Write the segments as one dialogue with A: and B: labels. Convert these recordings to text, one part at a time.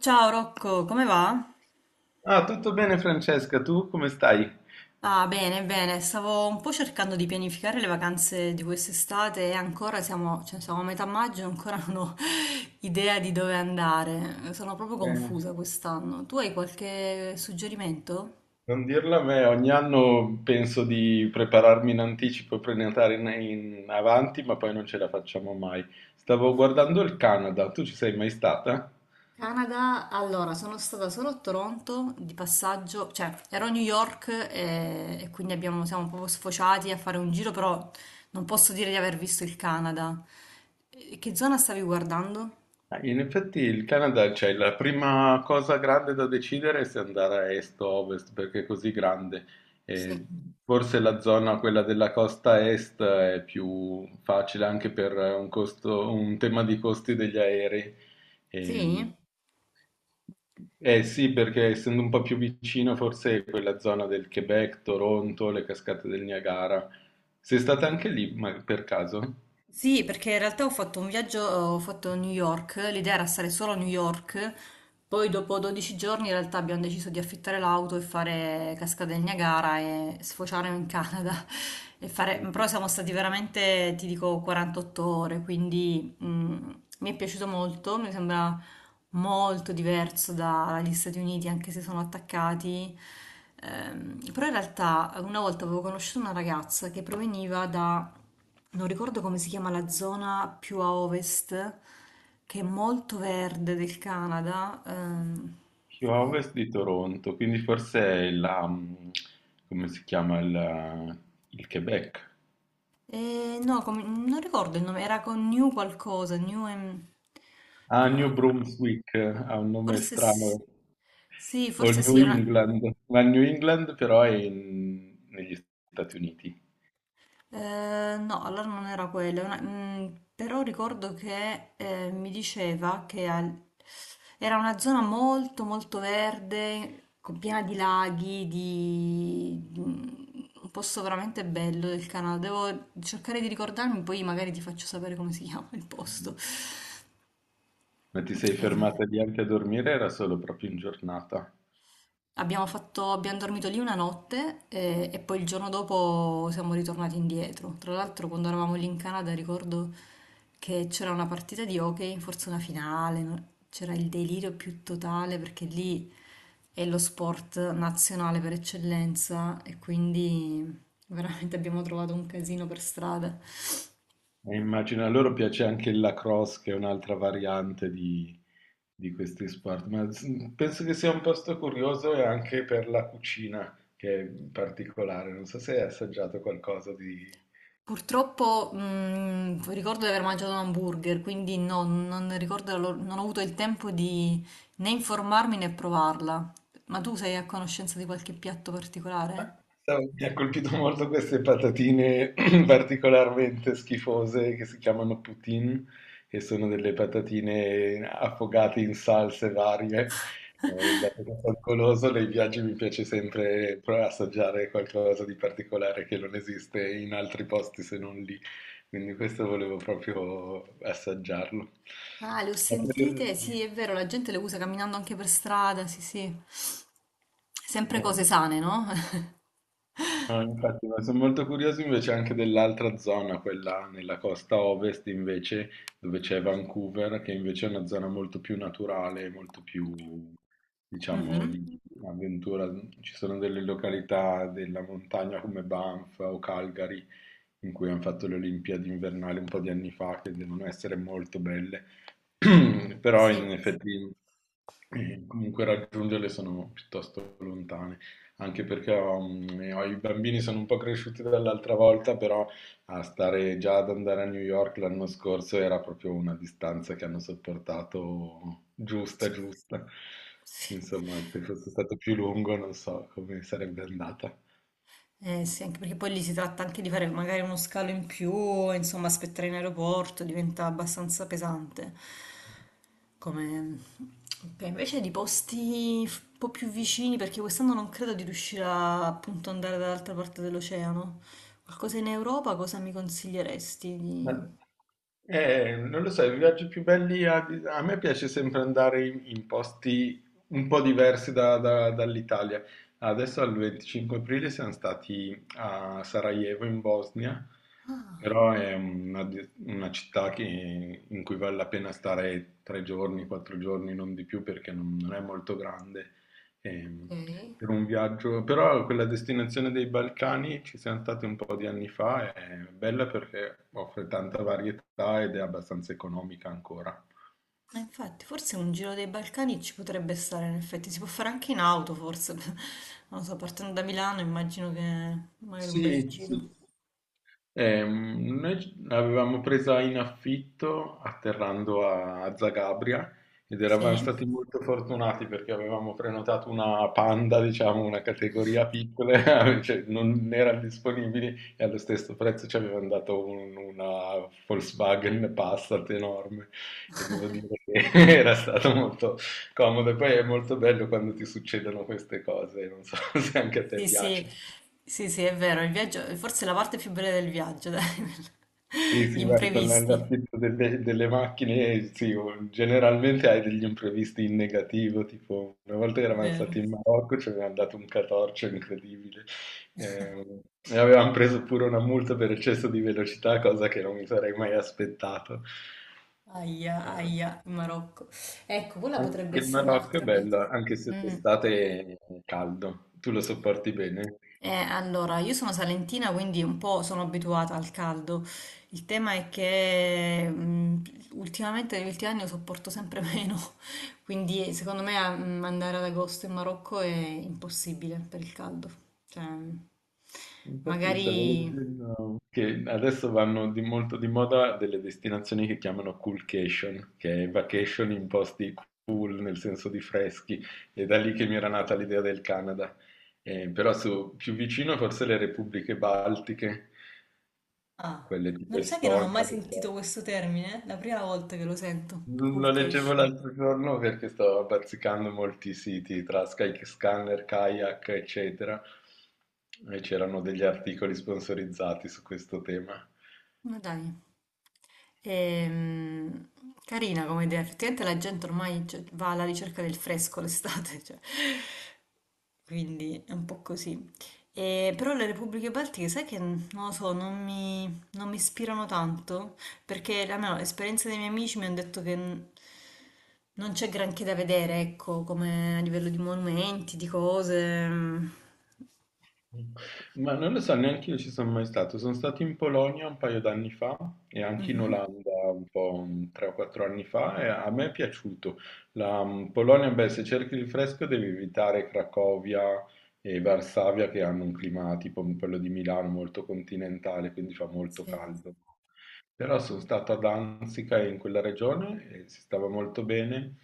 A: Ciao Rocco, come va?
B: Ah, tutto bene Francesca, tu come stai?
A: Ah, bene, bene, stavo un po' cercando di pianificare le vacanze di quest'estate e ancora cioè, siamo a metà maggio e ancora non ho idea di dove andare. Sono proprio
B: Eh,
A: confusa quest'anno. Tu hai qualche suggerimento?
B: Non dirlo a me, ogni anno penso di prepararmi in anticipo e prenotare in avanti, ma poi non ce la facciamo mai. Stavo guardando il Canada, tu ci sei mai stata?
A: Canada, allora, sono stata solo a Toronto di passaggio, cioè ero a New York e quindi siamo proprio sfociati a fare un giro, però non posso dire di aver visto il Canada. E che zona stavi guardando?
B: In effetti il Canada, cioè la prima cosa grande da decidere è se andare a est o a ovest, perché è così grande. E
A: Sì.
B: forse la zona, quella della costa est, è più facile anche per un un tema di costi degli aerei.
A: Sì?
B: Ehm, eh sì, perché essendo un po' più vicino, forse quella zona del Quebec, Toronto, le cascate del Niagara. Sei stata anche lì, ma per caso?
A: Sì, perché in realtà ho fatto un viaggio, ho fatto New York, l'idea era stare solo a New York, poi dopo 12 giorni in realtà abbiamo deciso di affittare l'auto e fare Cascata del Niagara e sfociare in Canada. E fare. Però siamo stati veramente, ti dico, 48 ore, quindi mi è piaciuto molto, mi sembra molto diverso dagli Stati Uniti, anche se sono attaccati. Però in realtà una volta avevo conosciuto una ragazza che proveniva da non ricordo come si chiama la zona più a ovest, che è molto verde del Canada.
B: Più a ovest di Toronto, quindi forse è come si chiama il Quebec?
A: E no, non ricordo il nome, era con New qualcosa,
B: Ah, New
A: eh,
B: Brunswick, ha un nome
A: forse
B: strano,
A: sì,
B: o il
A: forse sì,
B: New
A: è una-
B: England, ma il New England però è negli Stati Uniti.
A: No, allora non era quella, però ricordo che mi diceva che era una zona molto molto verde, con piena di laghi, di. Un posto veramente bello del Canada. Devo cercare di ricordarmi, poi magari ti faccio sapere come si chiama il posto.
B: Ma ti sei
A: Eh,
B: fermata lì anche a dormire? Era solo proprio in giornata.
A: abbiamo dormito lì una notte e, poi il giorno dopo siamo ritornati indietro. Tra l'altro, quando eravamo lì in Canada, ricordo che c'era una partita di hockey, forse una finale, no? C'era il delirio più totale perché lì è lo sport nazionale per eccellenza e quindi veramente abbiamo trovato un casino per strada.
B: E immagino a loro piace anche il lacrosse, che è un'altra variante di questi sport, ma penso che sia un posto curioso e anche per la cucina, che è particolare. Non so se hai assaggiato qualcosa di...
A: Purtroppo, ricordo di aver mangiato un hamburger, quindi no, non ricordo, non ho avuto il tempo di né informarmi né provarla. Ma tu sei a conoscenza di qualche piatto particolare?
B: Mi ha colpito molto queste patatine particolarmente schifose che si chiamano poutine, che sono delle patatine affogate in salse varie. Dato che sono goloso, nei viaggi mi piace sempre provare a assaggiare qualcosa di particolare che non esiste in altri posti se non lì. Quindi questo volevo proprio assaggiarlo.
A: Ah, le ho
B: Ma per-
A: sentite, sì, è vero, la gente le usa camminando anche per strada, sì, sì. Sempre cose
B: eh.
A: sane, no?
B: No, infatti, ma sono molto curioso invece anche dell'altra zona, quella nella costa ovest invece, dove c'è Vancouver, che invece è una zona molto più naturale, molto più, diciamo,
A: Mhm.
B: di avventura. Ci sono delle località della montagna come Banff o Calgary, in cui hanno fatto le Olimpiadi invernali un po' di anni fa, che devono essere molto belle, però in
A: Sì.
B: effetti comunque raggiungerle sono piuttosto lontane anche perché i bambini sono un po' cresciuti dall'altra volta, però a stare già ad andare a New York l'anno scorso era proprio una distanza che hanno sopportato giusta, giusta.
A: Sì.
B: Insomma, se fosse stato più lungo non so come sarebbe andata.
A: Sì, anche perché poi lì si tratta anche di fare magari uno scalo in più, insomma, aspettare in aeroporto diventa abbastanza pesante. Come. Ok, invece di posti un po' più vicini, perché quest'anno non credo di riuscire a appunto andare dall'altra parte dell'oceano. Qualcosa in Europa, cosa mi consiglieresti
B: Ma-
A: di.
B: Non lo so, i viaggi più belli a me piace sempre andare in posti un po' diversi dall'Italia. Adesso al 25 aprile siamo stati a Sarajevo in Bosnia,
A: Ah,
B: però è una città in cui vale la pena stare tre giorni, quattro giorni, non di più perché non è molto grande. Ehm,
A: ok.
B: per un viaggio, però quella destinazione dei Balcani ci siamo stati un po' di anni fa, è bella perché offre tanta varietà ed è abbastanza economica ancora.
A: Infatti, forse un giro dei Balcani ci potrebbe stare, in effetti. Si può fare anche in auto, forse. Non lo so, partendo da Milano immagino che magari un bel
B: Sì,
A: giro.
B: sì. Noi l'avevamo presa in affitto atterrando a Zagabria ed eravamo
A: Sì?
B: stati molto fortunati perché avevamo prenotato una panda, diciamo, una categoria piccola, cioè non erano disponibili e allo
A: Sì,
B: stesso prezzo ci avevano dato una Volkswagen Passat enorme e devo dire che era stato molto comodo. E poi è molto bello quando ti succedono queste cose, non so se anche a te
A: sì, sì,
B: piace.
A: sì, sì, è vero, il viaggio, forse è la parte più bella del viaggio, dai.
B: Sì,
A: Gli
B: sì, vai, tornare
A: imprevisti.
B: all'affitto delle macchine, sì, generalmente hai degli imprevisti in negativo, tipo una volta
A: È
B: eravamo
A: vero.
B: stati in Marocco, ci avevano dato un catorcio incredibile eh, e avevamo preso pure una multa per eccesso di velocità, cosa che non mi sarei mai aspettato.
A: Aia,
B: Eh,
A: aia, in Marocco. Ecco, quella potrebbe
B: Anche il
A: essere
B: Marocco è
A: un'altra meta.
B: bello, anche se
A: Mm.
B: d'estate è caldo, tu lo sopporti bene?
A: Allora, io sono salentina, quindi un po' sono abituata al caldo. Il tema è che ultimamente, negli ultimi anni, lo sopporto sempre meno. Quindi, secondo me, andare ad agosto in Marocco è impossibile per il caldo. Cioè,
B: Infatti
A: magari.
B: stavo leggendo che adesso vanno di molto di moda delle destinazioni che chiamano coolcation, che è vacation in posti cool nel senso di freschi, è da lì che mi era nata l'idea del Canada. Però più vicino forse le repubbliche baltiche,
A: Ah,
B: quelle tipo
A: non lo sai che non ho
B: Estonia,
A: mai sentito
B: Lettonia.
A: questo termine? È la prima volta che lo sento. Cool
B: Lo leggevo
A: cash.
B: l'altro giorno perché stavo bazzicando molti siti tra Skyscanner, Kayak, eccetera, e c'erano degli articoli sponsorizzati su questo tema.
A: Ma dai. Ehm, Carina come idea, effettivamente la gente ormai cioè, va alla ricerca del fresco l'estate, cioè, quindi è un po' così. E, però le Repubbliche Baltiche, sai che non lo so, non mi ispirano tanto, perché almeno l'esperienza dei miei amici mi hanno detto che non c'è granché da vedere, ecco, come a livello di monumenti, di cose. Mhm.
B: Ma non lo so, neanche io ci sono mai stato. Sono stato in Polonia un paio d'anni fa e anche in Olanda un po' tre o quattro anni fa e a me è piaciuto. Polonia, beh, se cerchi il fresco devi evitare Cracovia e Varsavia che hanno un clima tipo quello di Milano molto continentale, quindi fa molto
A: Sì.
B: caldo. Però sono stato a Danzica in quella regione e si stava molto bene.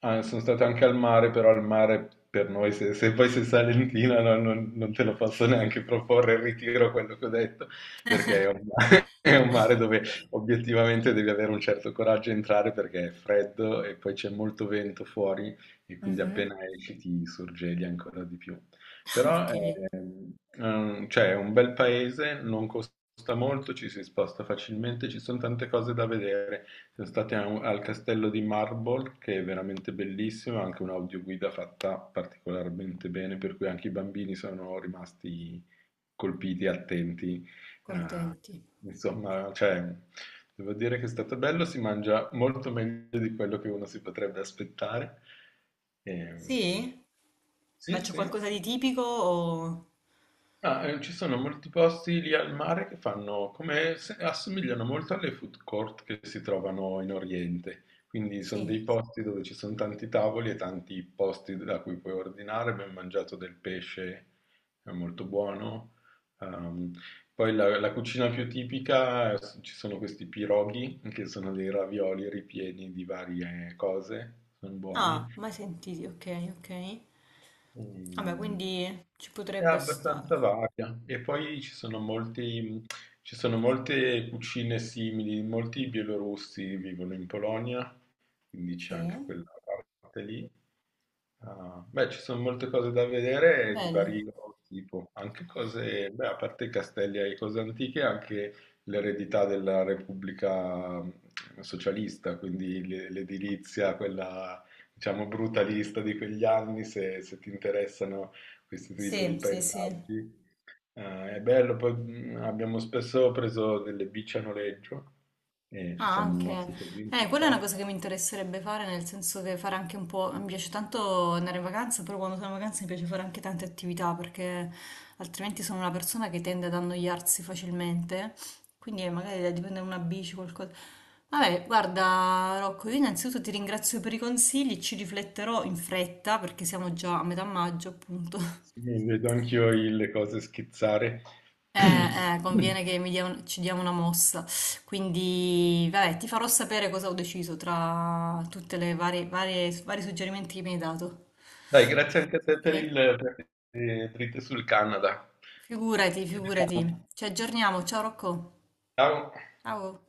B: Ah, sono stato anche al mare, però al mare per noi, se poi sei salentina, no, non te lo posso neanche proporre, ritiro quello che ho detto, perché è un mare, è un mare dove obiettivamente devi avere un certo coraggio a entrare perché è freddo e poi c'è molto vento fuori e quindi
A: Mhm.
B: appena esci ti sorgeli ancora di più. Però
A: Ok,
B: cioè, è un bel paese, non costa molto, ci si sposta facilmente, ci sono tante cose da vedere. Siamo stati a al castello di Marble, che è veramente bellissimo, anche un'audioguida fatta particolarmente bene, per cui anche i bambini sono rimasti colpiti, attenti. eh,
A: contenti.
B: insomma, cioè, devo dire che è stato bello, si mangia molto meglio di quello che uno si potrebbe aspettare. Ehm,
A: Sì? Ma
B: sì,
A: c'è
B: sì.
A: qualcosa di tipico o.
B: Ah, ci sono molti posti lì al mare che fanno come assomigliano molto alle food court che si trovano in Oriente. Quindi sono
A: Sì.
B: dei posti dove ci sono tanti tavoli e tanti posti da cui puoi ordinare. Ben mangiato del pesce, è molto buono. Ehm, poi la cucina più tipica, ci sono questi piroghi, che sono dei ravioli ripieni di varie cose, sono
A: Ah,
B: buoni.
A: mai sentiti, ok, ok. Vabbè,
B: Mm,
A: quindi ci
B: è
A: potrebbe
B: abbastanza
A: stare.
B: varia e poi ci sono molte cucine simili, molti bielorussi vivono in Polonia quindi c'è anche
A: Sì.
B: quella parte lì. Ah, beh, ci sono molte cose da vedere di
A: Bello.
B: vario tipo, anche cose, beh, a parte i castelli e cose antiche, anche l'eredità della Repubblica socialista, quindi l'edilizia, quella diciamo brutalista di quegli anni, se ti interessano questo tipo di
A: Sì, sì, sì.
B: paesaggi. È bello, poi abbiamo spesso preso delle bici a noleggio e ci
A: Ah,
B: siamo
A: anche.
B: mossi così in
A: Quella è una
B: città.
A: cosa che mi interesserebbe fare, nel senso che fare anche un po'. Mi piace tanto andare in vacanza, però quando sono in vacanza mi piace fare anche tante attività perché altrimenti sono una persona che tende ad annoiarsi facilmente. Quindi magari da prendere una bici, qualcosa. Vabbè, guarda, Rocco, io innanzitutto ti ringrazio per i consigli, ci rifletterò in fretta perché siamo già a metà maggio, appunto.
B: Sì, vedo anch'io le cose schizzare.
A: Conviene che ci diamo una mossa. Quindi, vabbè, ti farò sapere cosa ho deciso tra tutte le vari suggerimenti che mi hai dato.
B: Dai, grazie anche a te per
A: Ok?
B: per le dritte sul Canada.
A: Figurati,
B: Ci
A: figurati.
B: vediamo.
A: Ci aggiorniamo. Ciao Rocco.
B: Ciao.
A: Ciao.